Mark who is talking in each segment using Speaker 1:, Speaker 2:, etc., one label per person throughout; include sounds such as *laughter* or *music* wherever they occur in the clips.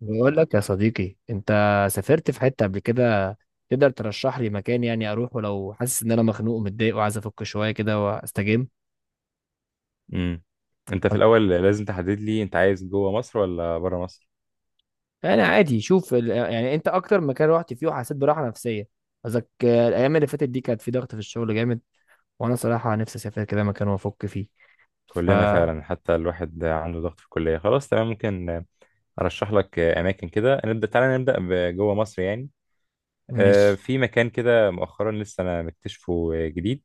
Speaker 1: بقول لك يا صديقي، انت سافرت في حتة قبل كده؟ تقدر ترشح لي مكان يعني اروح ولو حاسس ان انا مخنوق ومتضايق وعايز افك شوية كده واستجم؟
Speaker 2: امم انت في الاول لازم تحدد لي انت عايز جوه مصر ولا بره مصر؟
Speaker 1: انا عادي، شوف يعني انت اكتر مكان رحت فيه وحسيت براحة نفسية؟ قصدك. الايام اللي فاتت دي كانت في ضغط في الشغل جامد، وانا صراحة نفسي اسافر كده مكان وافك فيه.
Speaker 2: كلنا
Speaker 1: فمش.
Speaker 2: فعلا، حتى الواحد عنده ضغط في الكليه، خلاص تمام، ممكن ارشح لك اماكن كده. نبدا، تعالى نبدا بجوه مصر يعني. في مكان كده مؤخرا لسه انا مكتشفه جديد،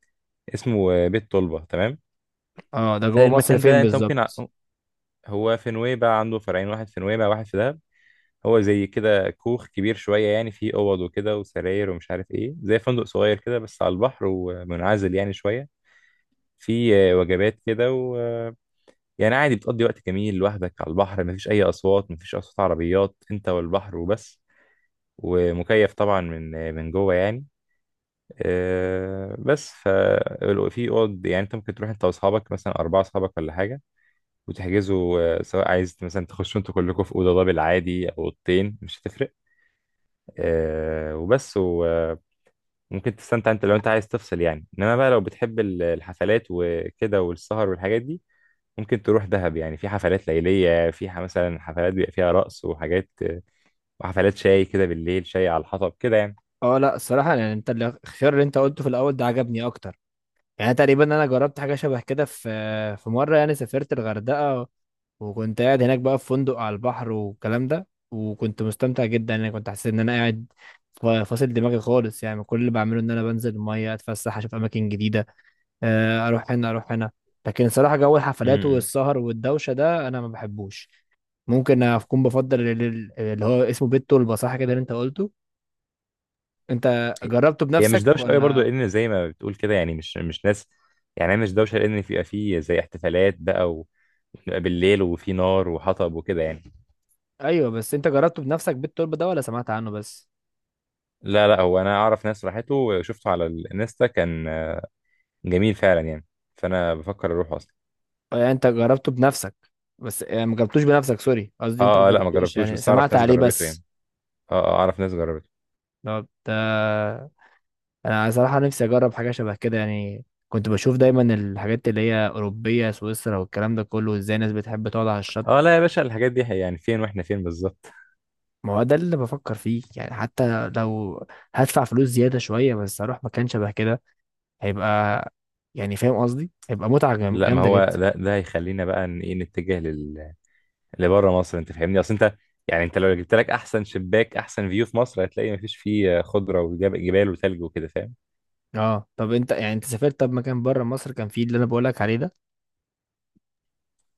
Speaker 2: اسمه بيت طلبه، تمام.
Speaker 1: اه، ده جوه مصر
Speaker 2: فالمكان
Speaker 1: فين
Speaker 2: ده انت ممكن
Speaker 1: بالظبط؟
Speaker 2: هو في نويبع، عنده فرعين، واحد في نويبع واحد في دهب. هو زي كده كوخ كبير شويه يعني، فيه اوض وكده وسراير ومش عارف ايه، زي فندق صغير كده بس على البحر، ومنعزل يعني شويه. في وجبات كده و يعني عادي، بتقضي وقت جميل لوحدك على البحر، مفيش أي أصوات، مفيش أصوات عربيات، أنت والبحر وبس. ومكيف طبعا من من جوه يعني. آه، بس ف في اوض يعني، انت ممكن تروح انت واصحابك مثلا، اربعه اصحابك ولا حاجه، وتحجزوا سواء عايز مثلا تخشوا انتوا كلكم في اوضه دبل عادي او اوضتين، مش هتفرق. آه، وبس و آه، ممكن تستمتع انت لو انت عايز تفصل يعني. انما بقى لو بتحب الحفلات وكده والسهر والحاجات دي، ممكن تروح دهب يعني، في حفلات ليلية، في مثلا حفلات بيبقى فيها رقص وحاجات، وحفلات شاي كده بالليل، شاي على الحطب كده يعني.
Speaker 1: اه لا، الصراحة يعني انت الخيار اللي انت قلته في الاول ده عجبني اكتر. يعني تقريبا انا جربت حاجة شبه كده في مرة، يعني سافرت الغردقة، وكنت قاعد هناك بقى في فندق على البحر والكلام ده، وكنت مستمتع جدا. انا كنت حاسس ان انا قاعد فاصل دماغي خالص. يعني كل اللي بعمله ان انا بنزل الميه، اتفسح، اشوف اماكن جديده، اروح هنا اروح هنا. لكن صراحه جو الحفلات
Speaker 2: امم
Speaker 1: والسهر والدوشه ده انا ما بحبوش. ممكن اكون بفضل اللي هو اسمه بيت طلبه، صح كده اللي انت قلته؟ انت جربته
Speaker 2: هي مش
Speaker 1: بنفسك
Speaker 2: دوشة قوي برضو،
Speaker 1: ولا؟
Speaker 2: لأن زي ما بتقول كده يعني، مش ناس يعني. هي مش دوشة، لأن بيبقى فيه زي احتفالات بقى وبتبقى بالليل وفي نار وحطب وكده يعني.
Speaker 1: ايوه، بس انت جربته بنفسك بيت طلبه ده ولا سمعت عنه بس؟
Speaker 2: لا، هو أنا أعرف ناس راحته، وشفته على الانستا، كان جميل فعلا يعني، فأنا بفكر أروح أصلا.
Speaker 1: يعني انت جربته بنفسك؟ بس يعني ما جربتوش بنفسك، سوري، قصدي انت ما
Speaker 2: آه لا، ما
Speaker 1: جربتوش،
Speaker 2: جربتوش،
Speaker 1: يعني
Speaker 2: بس أعرف
Speaker 1: سمعت
Speaker 2: ناس
Speaker 1: عليه
Speaker 2: جربته يعني.
Speaker 1: بس؟
Speaker 2: آه، أعرف ناس جربته.
Speaker 1: طب ده، انا صراحة نفسي اجرب حاجة شبه كده. يعني كنت بشوف دايما الحاجات اللي هي اوروبية، سويسرا والكلام ده كله، ازاي الناس بتحب تقعد على الشط.
Speaker 2: آه لا يا باشا، الحاجات دي يعني، فين وإحنا فين بالظبط؟
Speaker 1: ما هو ده اللي بفكر فيه، يعني حتى لو هدفع فلوس زيادة شوية بس اروح مكان شبه كده، هيبقى، يعني فاهم قصدي، هيبقى متعة
Speaker 2: لا، ما
Speaker 1: جامدة
Speaker 2: هو
Speaker 1: جدا.
Speaker 2: ده ده هيخلينا بقى ان ايه، لبره مصر، انت فاهمني، اصل انت، يعني انت لو جبت لك احسن شباك، احسن فيو في مصر، هتلاقي مفيش فيه خضره وجبال وثلج وكده، فاهم
Speaker 1: اه طب انت، يعني انت سافرت طب مكان بره مصر كان فيه اللي انا بقولك عليه ده؟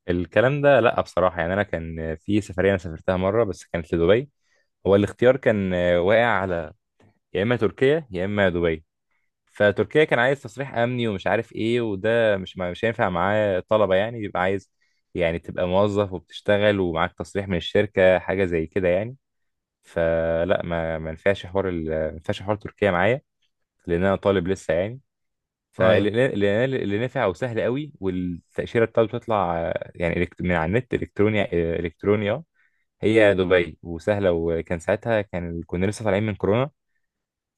Speaker 2: الكلام ده. لا بصراحه يعني، انا كان في سفريه انا سافرتها مره بس، كانت لدبي. هو الاختيار كان واقع على، يا اما تركيا يا اما دبي. فتركيا كان عايز تصريح امني ومش عارف ايه، وده مش هينفع معاه طلبه يعني، بيبقى عايز يعني تبقى موظف وبتشتغل ومعاك تصريح من الشركه، حاجه زي كده يعني. فلا، ما ينفعش حوار ما ينفعش حوار تركيا معايا، لان انا طالب لسه يعني.
Speaker 1: ايوه.
Speaker 2: فاللي اللي اللي نافع وسهل قوي، والتاشيره بتاعته بتطلع يعني من على النت الكترونيا، الكترونيا، هي دبي، وسهله. وكان ساعتها كان كنا لسه طالعين من كورونا،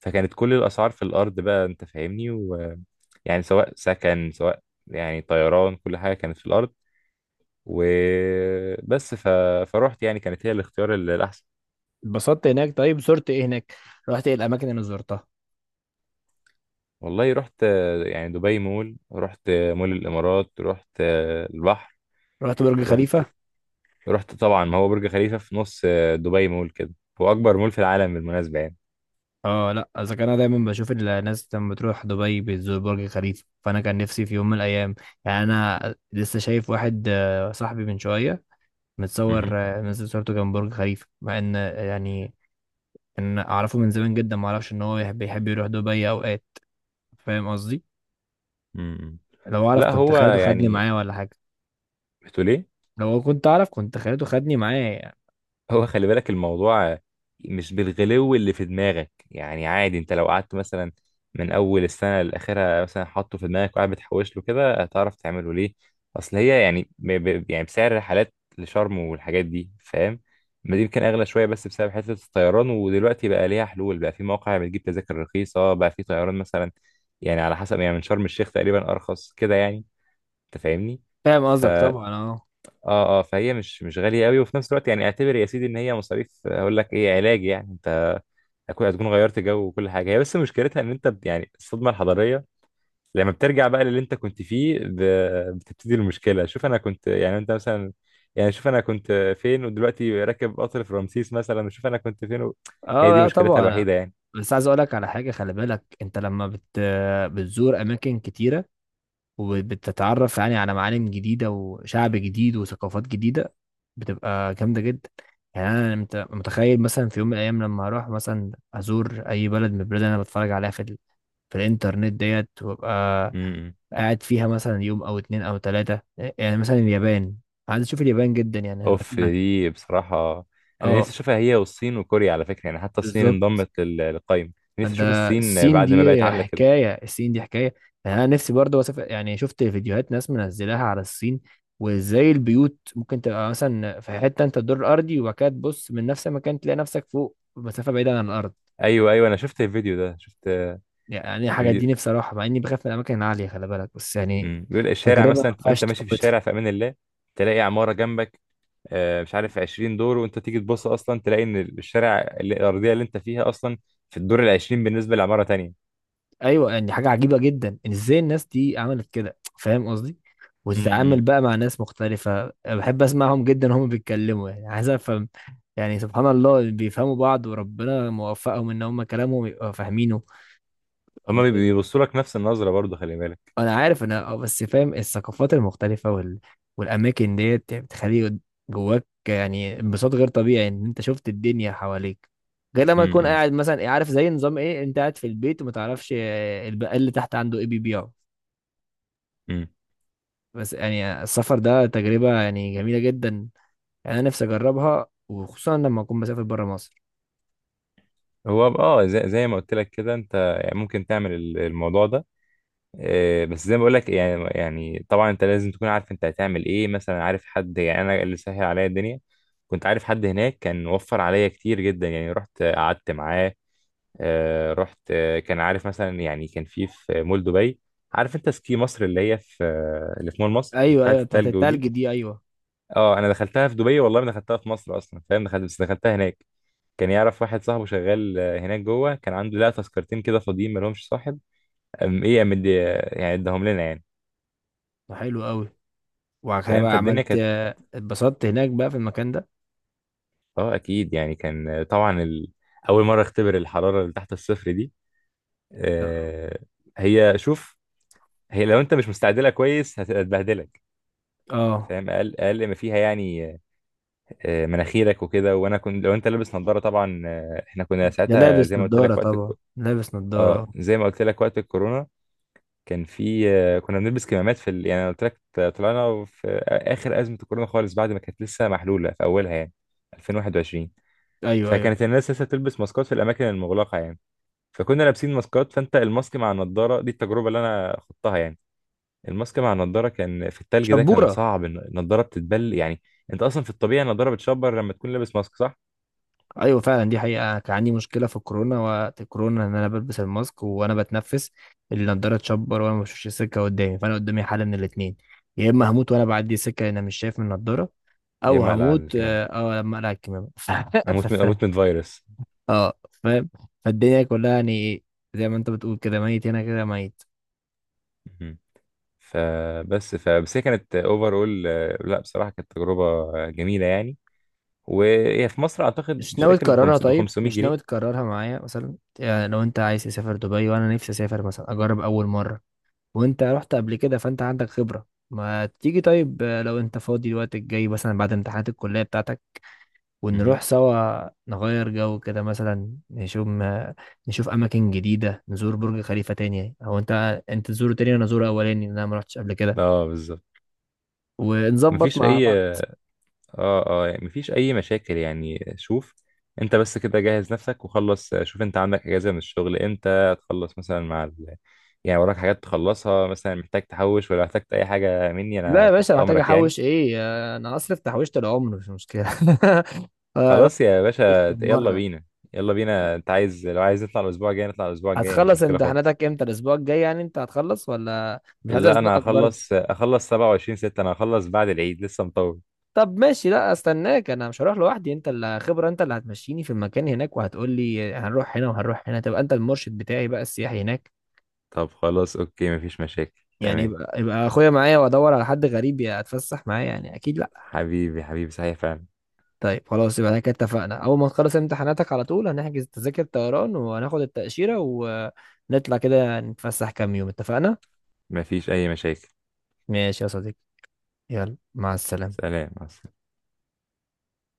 Speaker 2: فكانت كل الاسعار في الارض بقى، انت فاهمني، ويعني سواء سكن سواء يعني طيران، كل حاجه كانت في الارض. وبس ف... فروحت يعني، كانت هي الاختيار الاحسن.
Speaker 1: اتبسطت هناك؟ طيب زرت ايه هناك؟ رحت ايه الاماكن اللي زرتها؟
Speaker 2: والله رحت يعني دبي مول، رحت مول الامارات، رحت البحر.
Speaker 1: رحت برج
Speaker 2: رحت
Speaker 1: خليفة؟
Speaker 2: رحت طبعا، ما هو برج خليفه في نص دبي مول كده، هو اكبر مول في العالم بالمناسبه يعني.
Speaker 1: اه لا، اذا كان انا دايما بشوف الناس لما بتروح دبي بتزور برج خليفة، فانا كان نفسي في يوم من الايام. يعني انا لسه شايف واحد، صاحبي من شوية، متصور،
Speaker 2: مهم.
Speaker 1: منزل صورته جنب برج خليفة، مع ان، يعني ان اعرفه من زمان جدا ما اعرفش ان هو بيحب يروح دبي اوقات. فاهم قصدي؟
Speaker 2: مم.
Speaker 1: لو اعرف
Speaker 2: لا
Speaker 1: كنت
Speaker 2: هو
Speaker 1: خليته خدني
Speaker 2: يعني،
Speaker 1: معايا ولا حاجة.
Speaker 2: بتقول ايه؟
Speaker 1: لو كنت اعرف كنت خليته خدني معايا يعني.
Speaker 2: هو خلي بالك، الموضوع مش بالغلو اللي في دماغك يعني، عادي. انت لو قعدت مثلا من اول السنه لاخرها مثلا حاطه في دماغك وقاعد بتحوش له كده، هتعرف تعمله. ليه؟ اصل هي يعني يعني بسعر الرحلات لشرم والحاجات دي، فاهم، ما دي يمكن اغلى شويه بس بسبب حته الطيران، ودلوقتي بقى ليها حلول بقى، في مواقع بتجيب تذاكر رخيصه بقى في طيران مثلا، يعني على حسب يعني، من شرم الشيخ تقريبا ارخص كده يعني، انت فاهمني.
Speaker 1: فاهم
Speaker 2: ف
Speaker 1: قصدك طبعا، اه.
Speaker 2: اه اه فهي مش غاليه قوي، وفي نفس الوقت يعني اعتبر يا سيدي ان هي مصاريف، هقول لك ايه، علاج يعني. انت هتكون غيرت جو وكل حاجه. هي بس مشكلتها ان انت يعني الصدمه الحضاريه لما بترجع بقى للي انت كنت فيه، بتبتدي المشكله. شوف انا كنت يعني، انت مثلا، يعني شوف انا كنت فين ودلوقتي راكب قطر في رمسيس مثلا، وشوف انا كنت فين هي
Speaker 1: اه
Speaker 2: دي
Speaker 1: لا
Speaker 2: مشكلتها
Speaker 1: طبعا.
Speaker 2: الوحيده يعني.
Speaker 1: بس عايز اقولك على حاجه، خلي بالك انت لما بتزور اماكن كتيره، وبتتعرف يعني على معالم جديده وشعب جديد وثقافات جديده، بتبقى جامده جدا. يعني انا متخيل مثلا في يوم من الايام لما اروح مثلا ازور اي بلد من البلاد اللي انا بتفرج عليها في في الانترنت ديت، وابقى
Speaker 2: امم.
Speaker 1: قاعد فيها مثلا يوم او 2 او 3. يعني مثلا اليابان، عايز اشوف اليابان جدا، يعني انا
Speaker 2: اوف
Speaker 1: بسمع.
Speaker 2: دي بصراحه، انا
Speaker 1: اه
Speaker 2: نفسي اشوفها هي والصين وكوريا على فكره يعني، حتى الصين
Speaker 1: بالظبط.
Speaker 2: انضمت للقايمه، نفسي اشوف
Speaker 1: ده
Speaker 2: الصين
Speaker 1: الصين
Speaker 2: بعد ما بقت
Speaker 1: دي
Speaker 2: عامله كده.
Speaker 1: حكاية، الصين دي حكاية. يعني أنا نفسي برضه أسافر، يعني شفت فيديوهات ناس منزلاها على الصين، وإزاي البيوت ممكن تبقى مثلا في حتة أنت الدور الأرضي وبعد كده تبص من نفس المكان تلاقي نفسك فوق مسافة بعيدة عن الأرض.
Speaker 2: ايوه، انا شفت الفيديو ده، شفت
Speaker 1: يعني الحاجات
Speaker 2: فيديو.
Speaker 1: دي نفسي أروحها، مع إني بخاف من الأماكن العالية، خلي بالك، بس يعني
Speaker 2: امم، بيقول الشارع
Speaker 1: تجربة ما
Speaker 2: مثلا، تبقى
Speaker 1: ينفعش
Speaker 2: انت ماشي في
Speaker 1: تفوتها.
Speaker 2: الشارع في امان الله، تلاقي عماره جنبك، مش عارف 20 دور، وانت تيجي تبص اصلا تلاقي ان الشارع الارضيه اللي انت فيها اصلا في الدور ال 20 بالنسبه لعماره تانية.
Speaker 1: ايوه، يعني حاجه عجيبه جدا إن ازاي الناس دي عملت كده، فاهم قصدي؟
Speaker 2: امم،
Speaker 1: وتتعامل بقى مع ناس مختلفه، بحب اسمعهم جدا هم بيتكلموا، يعني عايز افهم. يعني سبحان الله بيفهموا بعض وربنا موفقهم ان هم كلامهم يبقى فاهمينه.
Speaker 2: هما بيبصوا لك نفس النظره برضو، خلي بالك.
Speaker 1: انا عارف انا، بس فاهم الثقافات المختلفه والاماكن ديت يعني بتخلي جواك يعني انبساط غير طبيعي ان انت شفت الدنيا حواليك، غير لما
Speaker 2: امم.
Speaker 1: تكون
Speaker 2: إمم.
Speaker 1: قاعد مثلا، عارف زي نظام ايه، انت قاعد في البيت وما تعرفش البقال اللي تحت عنده ايه بيبيعه.
Speaker 2: إمم.
Speaker 1: بس يعني السفر ده تجربة يعني جميلة جدا. يعني أنا نفسي أجربها، وخصوصا لما أكون مسافر برا مصر.
Speaker 2: هو اه، زي، زي ما قلت لك كده، انت يعني ممكن تعمل الموضوع ده. بس زي ما بقول لك يعني، يعني طبعا انت لازم تكون عارف انت هتعمل ايه مثلا، عارف حد يعني. انا اللي سهل عليا الدنيا، كنت عارف حد هناك كان وفر عليا كتير جدا، يعني رحت قعدت معاه. رحت كان عارف مثلا، يعني كان في مول دبي، عارف انت سكي مصر، اللي هي في اللي في مول مصر
Speaker 1: أيوه
Speaker 2: بتاعت
Speaker 1: أيوه، بتاعت
Speaker 2: التلج ودي.
Speaker 1: التلج دي أيوه.
Speaker 2: اه، انا دخلتها في دبي، والله ما دخلتها في مصر اصلا، فاهم، دخلت بس دخلتها هناك. كان يعرف واحد صاحبه شغال هناك جوه، كان عنده لا تذكرتين كده فاضيين ما لهمش صاحب، أم ايه أم يعني اداهم لنا يعني.
Speaker 1: حلو أوي. وبعد كده
Speaker 2: فاهم،
Speaker 1: بقى
Speaker 2: فالدنيا
Speaker 1: عملت.
Speaker 2: كانت،
Speaker 1: اتبسطت هناك بقى في المكان ده؟
Speaker 2: اه اكيد يعني. كان طبعا اول مره اختبر الحراره اللي تحت الصفر دي. آه، هي شوف، هي لو انت مش مستعد لها كويس، هتبهدلك،
Speaker 1: اه.
Speaker 2: فاهم، اقل ما فيها يعني آه، مناخيرك وكده. وانا كنت، لو انت لابس نظاره طبعا، آه احنا كنا
Speaker 1: ده
Speaker 2: ساعتها زي
Speaker 1: لابس
Speaker 2: ما قلت لك
Speaker 1: نضارة
Speaker 2: وقت
Speaker 1: طبعا، لابس
Speaker 2: اه
Speaker 1: نضارة.
Speaker 2: زي ما قلت لك وقت الكورونا، كان في آه كنا بنلبس كمامات في يعني أنا قلت لك، طلعنا في اخر ازمه الكورونا خالص، بعد ما كانت لسه محلوله في اولها يعني، 2021.
Speaker 1: أيوه أيوه.
Speaker 2: فكانت الناس لسه بتلبس ماسكات في الاماكن المغلقه يعني، فكنا لابسين ماسكات. فانت الماسك مع النضاره دي، التجربه اللي انا خضتها يعني، الماسك مع النضاره كان في التلج ده، كان
Speaker 1: شبورة.
Speaker 2: صعب. النضاره بتتبل يعني، انت اصلا في الطبيعي النضاره بتشبر لما تكون لابس ماسك، صح؟
Speaker 1: أيوه فعلا، دي حقيقة. كان عندي مشكلة في الكورونا وقت الكورونا إن أنا بلبس الماسك وأنا بتنفس، النضارة تشبر وأنا ما بشوفش السكة قدامي، فأنا قدامي حل من الاتنين: يا إما هموت وأنا بعدي سكة أنا مش شايف من النضارة،
Speaker 2: يا
Speaker 1: او
Speaker 2: مقلق على
Speaker 1: هموت.
Speaker 2: الكلام،
Speaker 1: اه لما اقلع الكمامه *laughs* ف-
Speaker 2: اموت من،
Speaker 1: ف-
Speaker 2: اموت من فيروس.
Speaker 1: اه فاهم. فالدنيا كلها يعني ايه، زي ما انت بتقول كده، ميت هنا كده ميت.
Speaker 2: مهم. فبس هي كانت اوفر اول، لا بصراحه كانت تجربه جميله يعني. وهي في مصر اعتقد
Speaker 1: مش
Speaker 2: مش
Speaker 1: ناوي
Speaker 2: فاكر ب
Speaker 1: تكررها؟ طيب
Speaker 2: 500
Speaker 1: مش ناوي
Speaker 2: جنيه
Speaker 1: تكررها معايا مثلا؟ يعني لو انت عايز تسافر دبي وانا نفسي اسافر مثلا اجرب اول مره، وانت رحت قبل كده فانت عندك خبره. ما تيجي طيب؟ لو انت فاضي الوقت الجاي مثلا بعد امتحانات الكليه بتاعتك،
Speaker 2: مهم.
Speaker 1: ونروح سوا نغير جو كده، مثلا نشوف ما نشوف اماكن جديده، نزور برج خليفه تاني او انت تزوره تاني وانا ازوره اولاني لأن انا ما رحتش قبل كده،
Speaker 2: اه بالظبط.
Speaker 1: ونظبط
Speaker 2: مفيش
Speaker 1: مع
Speaker 2: اي،
Speaker 1: بعض.
Speaker 2: اه يعني مفيش اي مشاكل. يعني شوف، انت بس كده جهز نفسك وخلص. شوف انت عندك اجازه من الشغل امتى تخلص مثلا، مع يعني وراك حاجات تخلصها مثلا، محتاج تحوش، ولا احتجت اي حاجه مني
Speaker 1: لا
Speaker 2: انا
Speaker 1: يا باشا،
Speaker 2: تحت
Speaker 1: محتاج
Speaker 2: امرك يعني.
Speaker 1: احوش ايه؟ انا هصرف تحويشه العمر، مش مشكله.
Speaker 2: خلاص يا
Speaker 1: *laughs* ايش
Speaker 2: باشا،
Speaker 1: كم
Speaker 2: يلا
Speaker 1: مره.
Speaker 2: بينا. يلا بينا، انت عايز، لو عايز نطلع الاسبوع الجاي نطلع الاسبوع الجاي، مش
Speaker 1: هتخلص
Speaker 2: مشكله خالص.
Speaker 1: امتحاناتك امتى الاسبوع الجاي؟ يعني انت هتخلص ولا مش عايز
Speaker 2: لا انا
Speaker 1: ازنقك برضه؟
Speaker 2: هخلص، اخلص 27/6، انا هخلص بعد العيد، لسه مطول.
Speaker 1: طب ماشي، لا استناك، انا مش هروح لوحدي، انت اللي خبره، انت اللي هتمشيني في المكان هناك، وهتقول لي هنروح هنا وهنروح هنا، تبقى انت المرشد بتاعي بقى السياحي هناك.
Speaker 2: طب خلاص، اوكي، مفيش مشاكل،
Speaker 1: يعني
Speaker 2: تمام.
Speaker 1: يبقى اخويا معايا وادور على حد غريب يتفسح معايا يعني؟ اكيد لا.
Speaker 2: حبيبي، صحيح فعلا.
Speaker 1: طيب خلاص، يبقى احنا كده اتفقنا: اول ما تخلص امتحاناتك على طول هنحجز تذاكر طيران، وهناخد التأشيرة، ونطلع كده نتفسح كام يوم. اتفقنا.
Speaker 2: مفيش اي مشاكل.
Speaker 1: ماشي يا صديقي. يلا مع السلامة.
Speaker 2: سلام مع